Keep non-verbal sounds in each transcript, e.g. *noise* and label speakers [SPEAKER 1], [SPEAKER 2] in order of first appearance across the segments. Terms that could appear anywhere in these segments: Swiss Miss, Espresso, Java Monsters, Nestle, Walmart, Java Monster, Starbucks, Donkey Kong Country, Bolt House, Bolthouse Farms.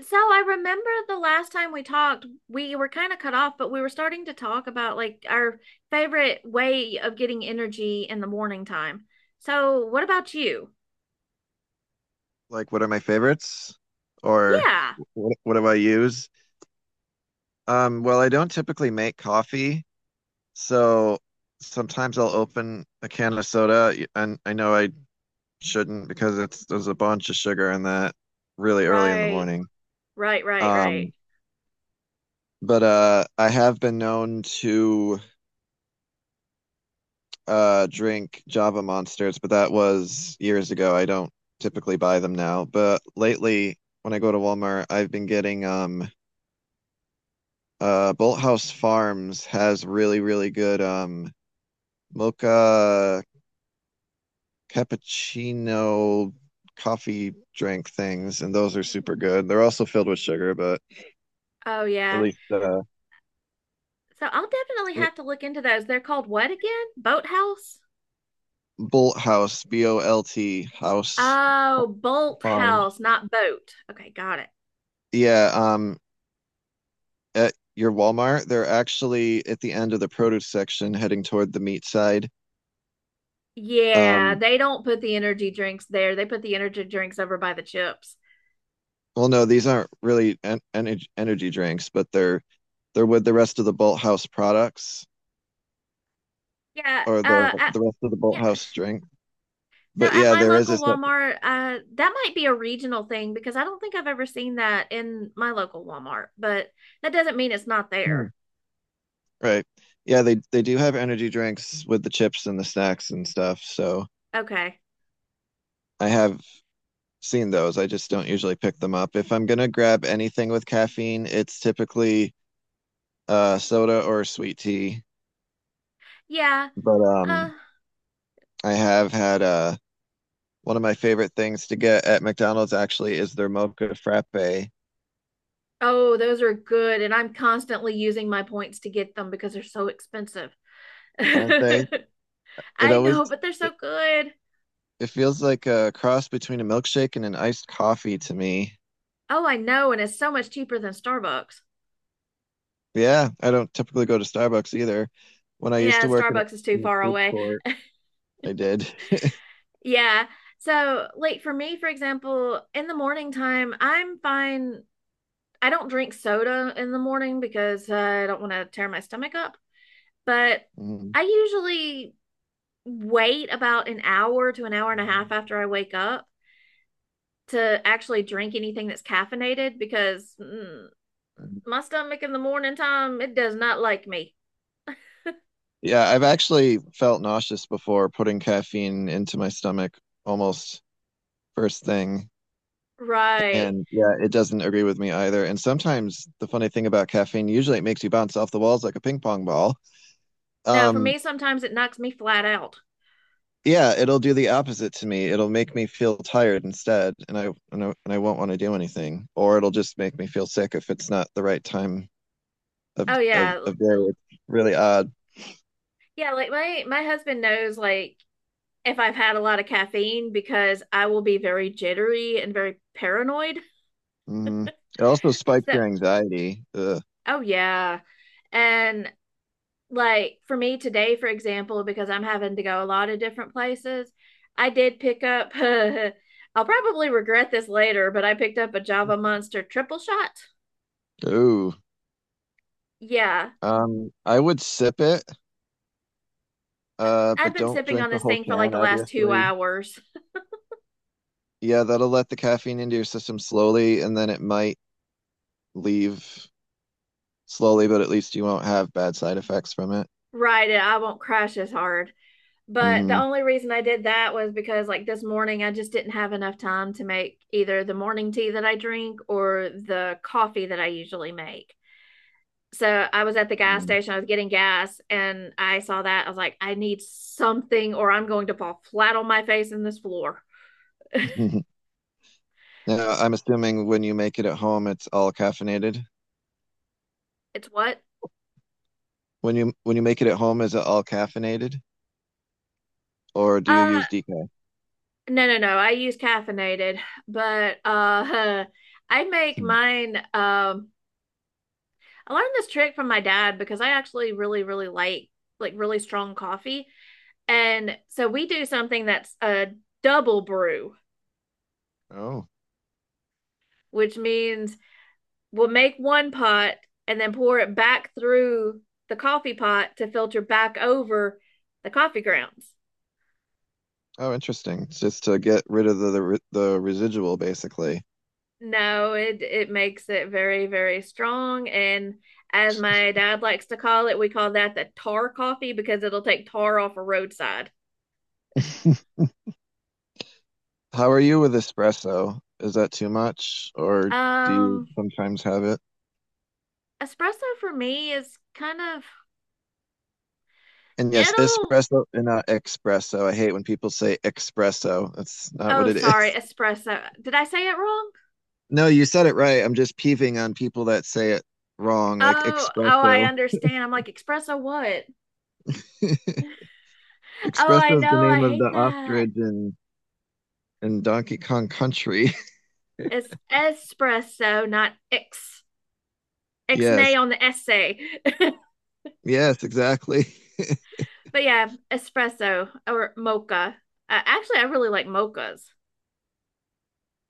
[SPEAKER 1] So I remember the last time we talked, we were kind of cut off, but we were starting to talk about like our favorite way of getting energy in the morning time. So what about you?
[SPEAKER 2] Like what are my favorites? Or
[SPEAKER 1] Yeah.
[SPEAKER 2] what do I use? Well, I don't typically make coffee, so sometimes I'll open a can of soda, and I know I shouldn't because it's there's a bunch of sugar in that really early in the
[SPEAKER 1] Right.
[SPEAKER 2] morning.
[SPEAKER 1] Right, right, right.
[SPEAKER 2] Um, but I have been known to drink Java Monsters, but that was years ago. I don't typically buy them now, but lately when I go to Walmart, I've been getting Bolthouse Farms has really, really good mocha cappuccino coffee drink things, and those are super good. They're also filled with sugar, but
[SPEAKER 1] Oh
[SPEAKER 2] at
[SPEAKER 1] yeah.
[SPEAKER 2] least
[SPEAKER 1] So I'll definitely have to look into those. They're called what again? Boathouse?
[SPEAKER 2] Bolt House, Bolt House
[SPEAKER 1] Oh, Bolt
[SPEAKER 2] Farms.
[SPEAKER 1] House, not boat. Okay, got it.
[SPEAKER 2] Yeah, at your Walmart, they're actually at the end of the produce section heading toward the meat side.
[SPEAKER 1] Yeah,
[SPEAKER 2] Um
[SPEAKER 1] they don't put the energy drinks there. They put the energy drinks over by the chips.
[SPEAKER 2] well no, these aren't really en energy energy drinks, but they're with the rest of the Bolt House products.
[SPEAKER 1] Yeah,
[SPEAKER 2] Or the the rest of the Bolt
[SPEAKER 1] yeah,
[SPEAKER 2] House drink.
[SPEAKER 1] so
[SPEAKER 2] But
[SPEAKER 1] at
[SPEAKER 2] yeah,
[SPEAKER 1] my
[SPEAKER 2] there is
[SPEAKER 1] local
[SPEAKER 2] a set.
[SPEAKER 1] Walmart, that might be a regional thing because I don't think I've ever seen that in my local Walmart, but that doesn't mean it's not
[SPEAKER 2] Hmm.
[SPEAKER 1] there.
[SPEAKER 2] Right. Yeah, they do have energy drinks with the chips and the snacks and stuff. So
[SPEAKER 1] Okay.
[SPEAKER 2] I have seen those. I just don't usually pick them up. If I'm gonna grab anything with caffeine, it's typically soda or sweet tea.
[SPEAKER 1] Yeah.
[SPEAKER 2] But
[SPEAKER 1] Uh,
[SPEAKER 2] I have had one of my favorite things to get at McDonald's actually is their mocha frappe.
[SPEAKER 1] oh, those are good. And I'm constantly using my points to get them because they're so expensive. *laughs*
[SPEAKER 2] Aren't they?
[SPEAKER 1] I
[SPEAKER 2] It always
[SPEAKER 1] know, but they're so
[SPEAKER 2] it
[SPEAKER 1] good.
[SPEAKER 2] it feels like a cross between a milkshake and an iced coffee to me.
[SPEAKER 1] Oh, I know. And it's so much cheaper than Starbucks.
[SPEAKER 2] Yeah, I don't typically go to Starbucks either. When I used
[SPEAKER 1] Yeah,
[SPEAKER 2] to
[SPEAKER 1] Starbucks is too
[SPEAKER 2] in the
[SPEAKER 1] far
[SPEAKER 2] food
[SPEAKER 1] away.
[SPEAKER 2] court, I did. *laughs*
[SPEAKER 1] Yeah. So, like for me, for example, in the morning time, I'm fine. I don't drink soda in the morning because I don't want to tear my stomach up, but
[SPEAKER 2] Mhm.
[SPEAKER 1] I usually wait about an hour to an hour and a half after I wake up to actually drink anything that's caffeinated because my stomach in the morning time, it does not like me.
[SPEAKER 2] Yeah, I've actually felt nauseous before putting caffeine into my stomach almost first thing.
[SPEAKER 1] Right.
[SPEAKER 2] And yeah, it doesn't agree with me either. And sometimes the funny thing about caffeine, usually it makes you bounce off the walls like a ping pong ball.
[SPEAKER 1] No, for
[SPEAKER 2] Um,
[SPEAKER 1] me, sometimes it knocks me flat out.
[SPEAKER 2] yeah, it'll do the opposite to me. It'll make me feel tired instead, and I won't want to do anything, or it'll just make me feel sick if it's not the right time of
[SPEAKER 1] Oh,
[SPEAKER 2] of
[SPEAKER 1] yeah.
[SPEAKER 2] of day. It's really odd.
[SPEAKER 1] Yeah, like my husband knows like if I've had a lot of caffeine because I will be very jittery and very paranoid. *laughs*
[SPEAKER 2] Hmm. It also spikes
[SPEAKER 1] So
[SPEAKER 2] your anxiety. Ugh.
[SPEAKER 1] Oh yeah. And like for me today, for example, because I'm having to go a lot of different places, I did pick up. *laughs* I'll probably regret this later, but I picked up a Java Monster triple shot.
[SPEAKER 2] Ooh.
[SPEAKER 1] Yeah.
[SPEAKER 2] I would sip it,
[SPEAKER 1] I-
[SPEAKER 2] uh,
[SPEAKER 1] I've
[SPEAKER 2] but
[SPEAKER 1] been
[SPEAKER 2] don't
[SPEAKER 1] sipping
[SPEAKER 2] drink
[SPEAKER 1] on
[SPEAKER 2] the
[SPEAKER 1] this
[SPEAKER 2] whole
[SPEAKER 1] thing for like
[SPEAKER 2] can,
[SPEAKER 1] the last two
[SPEAKER 2] obviously.
[SPEAKER 1] hours.
[SPEAKER 2] Yeah, that'll let the caffeine into your system slowly, and then it might leave slowly, but at least you won't have bad side effects from it.
[SPEAKER 1] Right, and I won't crash as hard. But the
[SPEAKER 2] Hmm.
[SPEAKER 1] only reason I did that was because like this morning I just didn't have enough time to make either the morning tea that I drink or the coffee that I usually make. So I was at the gas station, I
[SPEAKER 2] *laughs*
[SPEAKER 1] was getting gas, and I saw that. I was like, I need something, or I'm going to fall flat on my face in this floor.
[SPEAKER 2] Now, I'm assuming when you make it at home, it's all caffeinated.
[SPEAKER 1] It's what?
[SPEAKER 2] When you make it at home, is it all caffeinated, or do you
[SPEAKER 1] Uh,
[SPEAKER 2] use decaf?
[SPEAKER 1] no, no, no. I use caffeinated, but *laughs* I make
[SPEAKER 2] Hmm.
[SPEAKER 1] mine. I learned this trick from my dad because I actually really, really like really strong coffee, and so we do something that's a double brew,
[SPEAKER 2] Oh.
[SPEAKER 1] which means we'll make one pot and then pour it back through the coffee pot to filter back over the coffee grounds.
[SPEAKER 2] Oh, interesting. It's just to get rid of the residual, basically.
[SPEAKER 1] No, it makes it very very strong and as my dad likes to call it, we call that the tar coffee because it'll take tar off a roadside.
[SPEAKER 2] *laughs* How are you with espresso? Is that too much, or do you
[SPEAKER 1] Um
[SPEAKER 2] sometimes have it?
[SPEAKER 1] Espresso for me is kind of
[SPEAKER 2] And yes,
[SPEAKER 1] it'll
[SPEAKER 2] espresso and not espresso. I hate when people say espresso. That's not
[SPEAKER 1] oh,
[SPEAKER 2] what it
[SPEAKER 1] sorry,
[SPEAKER 2] is. *laughs*
[SPEAKER 1] espresso. Did I say it wrong?
[SPEAKER 2] No, you said it right. I'm just peeving on people that say it wrong, like
[SPEAKER 1] Oh, oh, I
[SPEAKER 2] espresso.
[SPEAKER 1] understand. I'm like, espresso what?
[SPEAKER 2] *laughs*
[SPEAKER 1] Oh, I
[SPEAKER 2] Espresso is the
[SPEAKER 1] know. I
[SPEAKER 2] name of the
[SPEAKER 1] hate that.
[SPEAKER 2] ostrich in Donkey Kong Country.
[SPEAKER 1] It's espresso, not X.
[SPEAKER 2] *laughs* Yes,
[SPEAKER 1] Ixnay on the essay. *laughs*
[SPEAKER 2] yes, exactly.
[SPEAKER 1] But yeah, espresso or mocha. Actually, I really like mochas.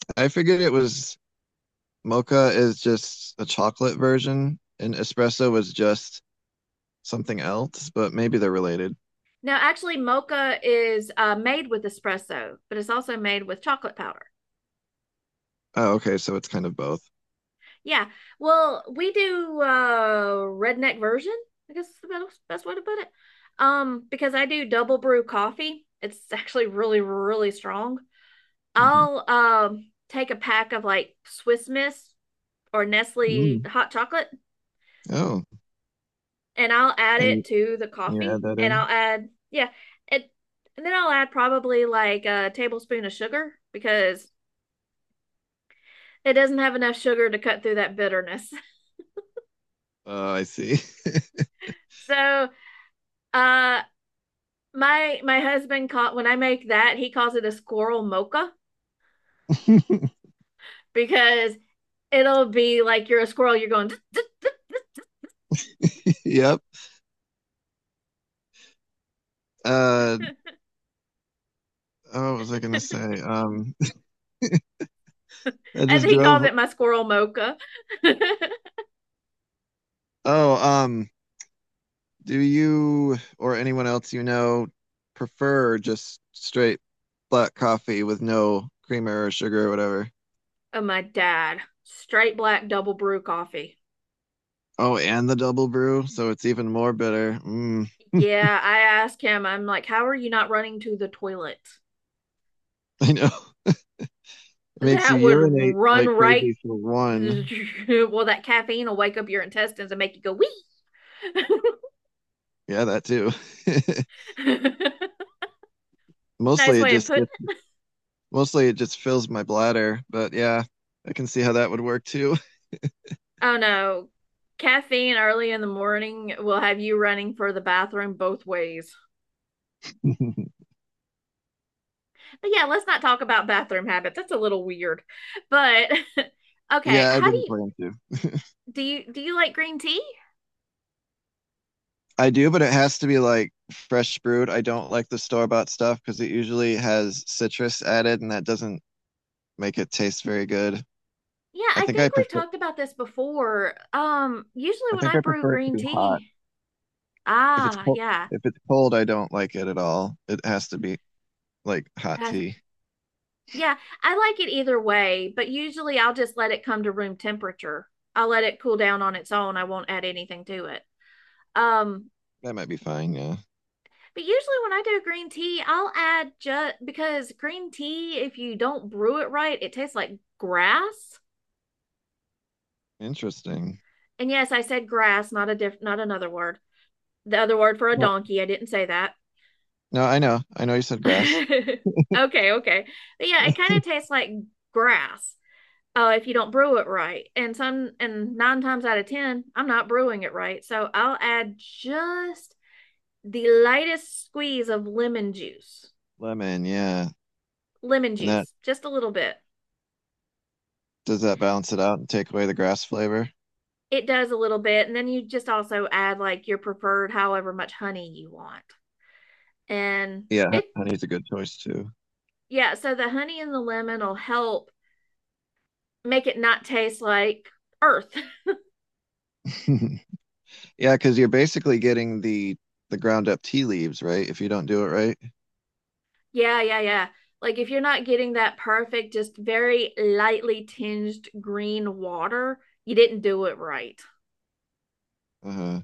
[SPEAKER 2] *laughs* I figured it was. Mocha is just a chocolate version, and espresso was just something else, but maybe they're related.
[SPEAKER 1] Now, actually, mocha is made with espresso, but it's also made with chocolate powder.
[SPEAKER 2] Oh, okay, so it's kind of both.
[SPEAKER 1] Yeah. Well, we do redneck version. I guess is the best, best way to put it. Because I do double brew coffee. It's actually really, really strong.
[SPEAKER 2] Hmm.
[SPEAKER 1] I'll take a pack of like Swiss Miss or
[SPEAKER 2] Mm.
[SPEAKER 1] Nestle hot chocolate,
[SPEAKER 2] Oh,
[SPEAKER 1] and I'll add it
[SPEAKER 2] and,
[SPEAKER 1] to the
[SPEAKER 2] and you
[SPEAKER 1] coffee,
[SPEAKER 2] add that
[SPEAKER 1] and
[SPEAKER 2] in?
[SPEAKER 1] I'll add, yeah, it, and then I'll add probably like a tablespoon of sugar because it doesn't have enough sugar to cut through that bitterness. *laughs*
[SPEAKER 2] I see.
[SPEAKER 1] So, uh, my husband caught when I make that, he calls it a squirrel mocha
[SPEAKER 2] *laughs*
[SPEAKER 1] because it'll be like you're a squirrel, you're going.
[SPEAKER 2] Yep. Uh, oh, what was I gonna
[SPEAKER 1] *laughs*
[SPEAKER 2] say? *laughs* I
[SPEAKER 1] And
[SPEAKER 2] just
[SPEAKER 1] he calls
[SPEAKER 2] drove.
[SPEAKER 1] it my squirrel mocha. *laughs*
[SPEAKER 2] Oh, do you or anyone else you know prefer just straight black coffee with no creamer or sugar or whatever?
[SPEAKER 1] Oh, my dad, straight black double brew coffee.
[SPEAKER 2] Oh, and the double brew, so it's even more bitter. Mm.
[SPEAKER 1] Yeah, I asked him, I'm like, how are you not running to the toilet?
[SPEAKER 2] I know. *laughs* It makes you
[SPEAKER 1] That would
[SPEAKER 2] urinate
[SPEAKER 1] run
[SPEAKER 2] like
[SPEAKER 1] right.
[SPEAKER 2] crazy for
[SPEAKER 1] *laughs*
[SPEAKER 2] one.
[SPEAKER 1] Well, that caffeine will wake up your intestines and make you go wee.
[SPEAKER 2] Yeah, that too. *laughs*
[SPEAKER 1] *laughs* Nice
[SPEAKER 2] Mostly it
[SPEAKER 1] way of
[SPEAKER 2] just
[SPEAKER 1] putting
[SPEAKER 2] gets,
[SPEAKER 1] it.
[SPEAKER 2] mostly it just fills my bladder, but yeah, I can see how that would work too.
[SPEAKER 1] Oh no. Caffeine early in the morning will have you running for the bathroom both ways.
[SPEAKER 2] *laughs*
[SPEAKER 1] But yeah, let's not talk about bathroom habits. That's a little weird. But *laughs* okay,
[SPEAKER 2] Yeah, I
[SPEAKER 1] how do
[SPEAKER 2] didn't
[SPEAKER 1] you
[SPEAKER 2] plan to.
[SPEAKER 1] do you do you like green tea?
[SPEAKER 2] I do, but it has to be like fresh brewed. I don't like the store-bought stuff because it usually has citrus added and that doesn't make it taste very good.
[SPEAKER 1] Yeah,
[SPEAKER 2] I
[SPEAKER 1] I
[SPEAKER 2] think I
[SPEAKER 1] think we've
[SPEAKER 2] prefer
[SPEAKER 1] talked about this before. Usually
[SPEAKER 2] I
[SPEAKER 1] when
[SPEAKER 2] think
[SPEAKER 1] I
[SPEAKER 2] I
[SPEAKER 1] brew
[SPEAKER 2] prefer it to
[SPEAKER 1] green
[SPEAKER 2] be hot.
[SPEAKER 1] tea,
[SPEAKER 2] If it's cold,
[SPEAKER 1] yeah,
[SPEAKER 2] if it's cold, I don't like it at all. It has to be like hot
[SPEAKER 1] Has-
[SPEAKER 2] tea.
[SPEAKER 1] yeah, I like it either way, but usually I'll just let it come to room temperature. I'll let it cool down on its own. I won't add anything to it. Um,
[SPEAKER 2] That might be fine. Yeah.
[SPEAKER 1] but usually when I do green tea, I'll add just because green tea, if you don't brew it right, it tastes like grass.
[SPEAKER 2] Interesting.
[SPEAKER 1] And yes, I said grass, not a diff, not another word. The other word for a
[SPEAKER 2] No,
[SPEAKER 1] donkey, I didn't say that.
[SPEAKER 2] no, I know. I know you said grass.
[SPEAKER 1] *laughs* Okay, okay. But yeah, it kind of tastes like grass if you don't brew it right. And nine times out of ten, I'm not brewing it right. So I'll add just the lightest squeeze of lemon juice,
[SPEAKER 2] Lemon. Yeah. And that,
[SPEAKER 1] just a little bit.
[SPEAKER 2] does that balance it out and take away the grass flavor?
[SPEAKER 1] It does a little bit, and then you just also add like your preferred, however much honey you want. And
[SPEAKER 2] Yeah, ho-
[SPEAKER 1] it,
[SPEAKER 2] honey's a good choice too.
[SPEAKER 1] yeah. So the honey and the lemon will help make it not taste like earth.
[SPEAKER 2] *laughs* Yeah, because you're basically getting the ground up tea leaves, right? If you don't do it right.
[SPEAKER 1] Yeah, yeah, yeah. Like if you're not getting that perfect, just very lightly tinged green water, you didn't do it right.
[SPEAKER 2] Uh-huh.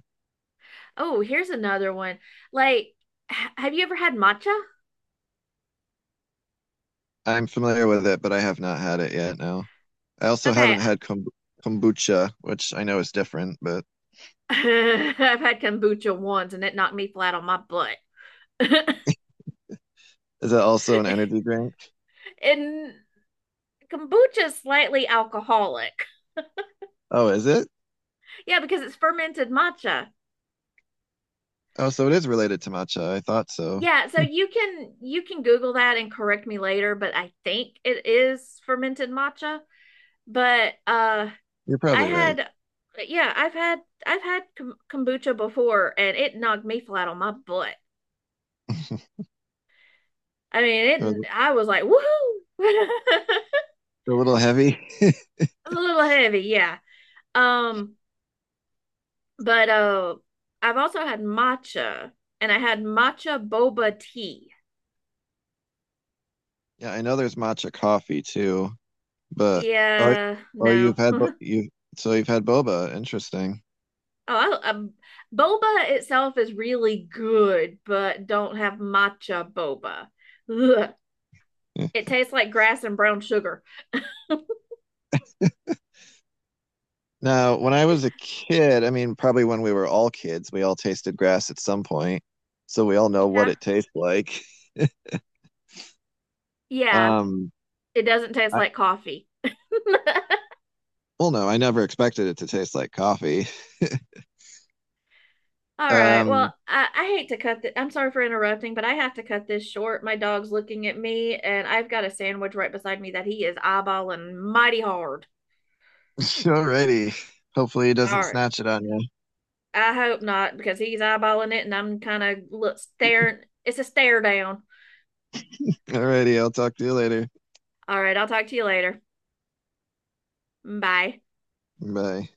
[SPEAKER 1] Oh, here's another one. Like, have you ever had matcha?
[SPEAKER 2] I'm familiar with it, but I have not had it yet. No. I also haven't
[SPEAKER 1] Okay,
[SPEAKER 2] had kombucha, which I know is different, but
[SPEAKER 1] *laughs* I've had kombucha once and it knocked me flat on my butt. *laughs*
[SPEAKER 2] is that also an energy drink?
[SPEAKER 1] And kombucha is slightly alcoholic.
[SPEAKER 2] Oh, is it?
[SPEAKER 1] Yeah, because it's fermented matcha.
[SPEAKER 2] Oh, so it is related to matcha. I thought so.
[SPEAKER 1] Yeah, so you can Google that and correct me later, but I think it is fermented matcha. But
[SPEAKER 2] You're
[SPEAKER 1] I
[SPEAKER 2] probably right.
[SPEAKER 1] had, yeah, I've had kombucha before, and it knocked me flat on my butt. I
[SPEAKER 2] *laughs* They're
[SPEAKER 1] mean, it. I was like, woohoo! *laughs*
[SPEAKER 2] a little heavy. *laughs*
[SPEAKER 1] A little heavy, yeah. Um, but I've also had matcha, and I had matcha boba tea.
[SPEAKER 2] Yeah, I know there's matcha coffee too, but oh,
[SPEAKER 1] Yeah,
[SPEAKER 2] oh,
[SPEAKER 1] no.
[SPEAKER 2] you've had bo-
[SPEAKER 1] *laughs*
[SPEAKER 2] you so you've had boba. Interesting.
[SPEAKER 1] Oh, boba itself is really good, but don't have matcha boba. Ugh.
[SPEAKER 2] Yeah.
[SPEAKER 1] It tastes like grass and brown sugar.
[SPEAKER 2] Now, when I was a kid, I mean, probably when we were all kids, we all tasted grass at some point, so we all know what
[SPEAKER 1] Yeah,
[SPEAKER 2] it tastes like.
[SPEAKER 1] yeah.
[SPEAKER 2] Um,
[SPEAKER 1] It doesn't taste
[SPEAKER 2] I,
[SPEAKER 1] like coffee. *laughs*
[SPEAKER 2] well, no, I never expected it to taste like coffee.
[SPEAKER 1] All right.
[SPEAKER 2] Um,
[SPEAKER 1] Well, I hate to cut it. I'm sorry for interrupting, but I have to cut this short. My dog's looking at me, and I've got a sandwich right beside me that he is eyeballing mighty hard.
[SPEAKER 2] *laughs* Alrighty. Hopefully, it
[SPEAKER 1] All
[SPEAKER 2] doesn't
[SPEAKER 1] right.
[SPEAKER 2] snatch it on you.
[SPEAKER 1] I hope not, because he's eyeballing it, and I'm kind of look staring. It's a stare down.
[SPEAKER 2] Alrighty, I'll talk to you later.
[SPEAKER 1] All right. I'll talk to you later. Bye.
[SPEAKER 2] Bye.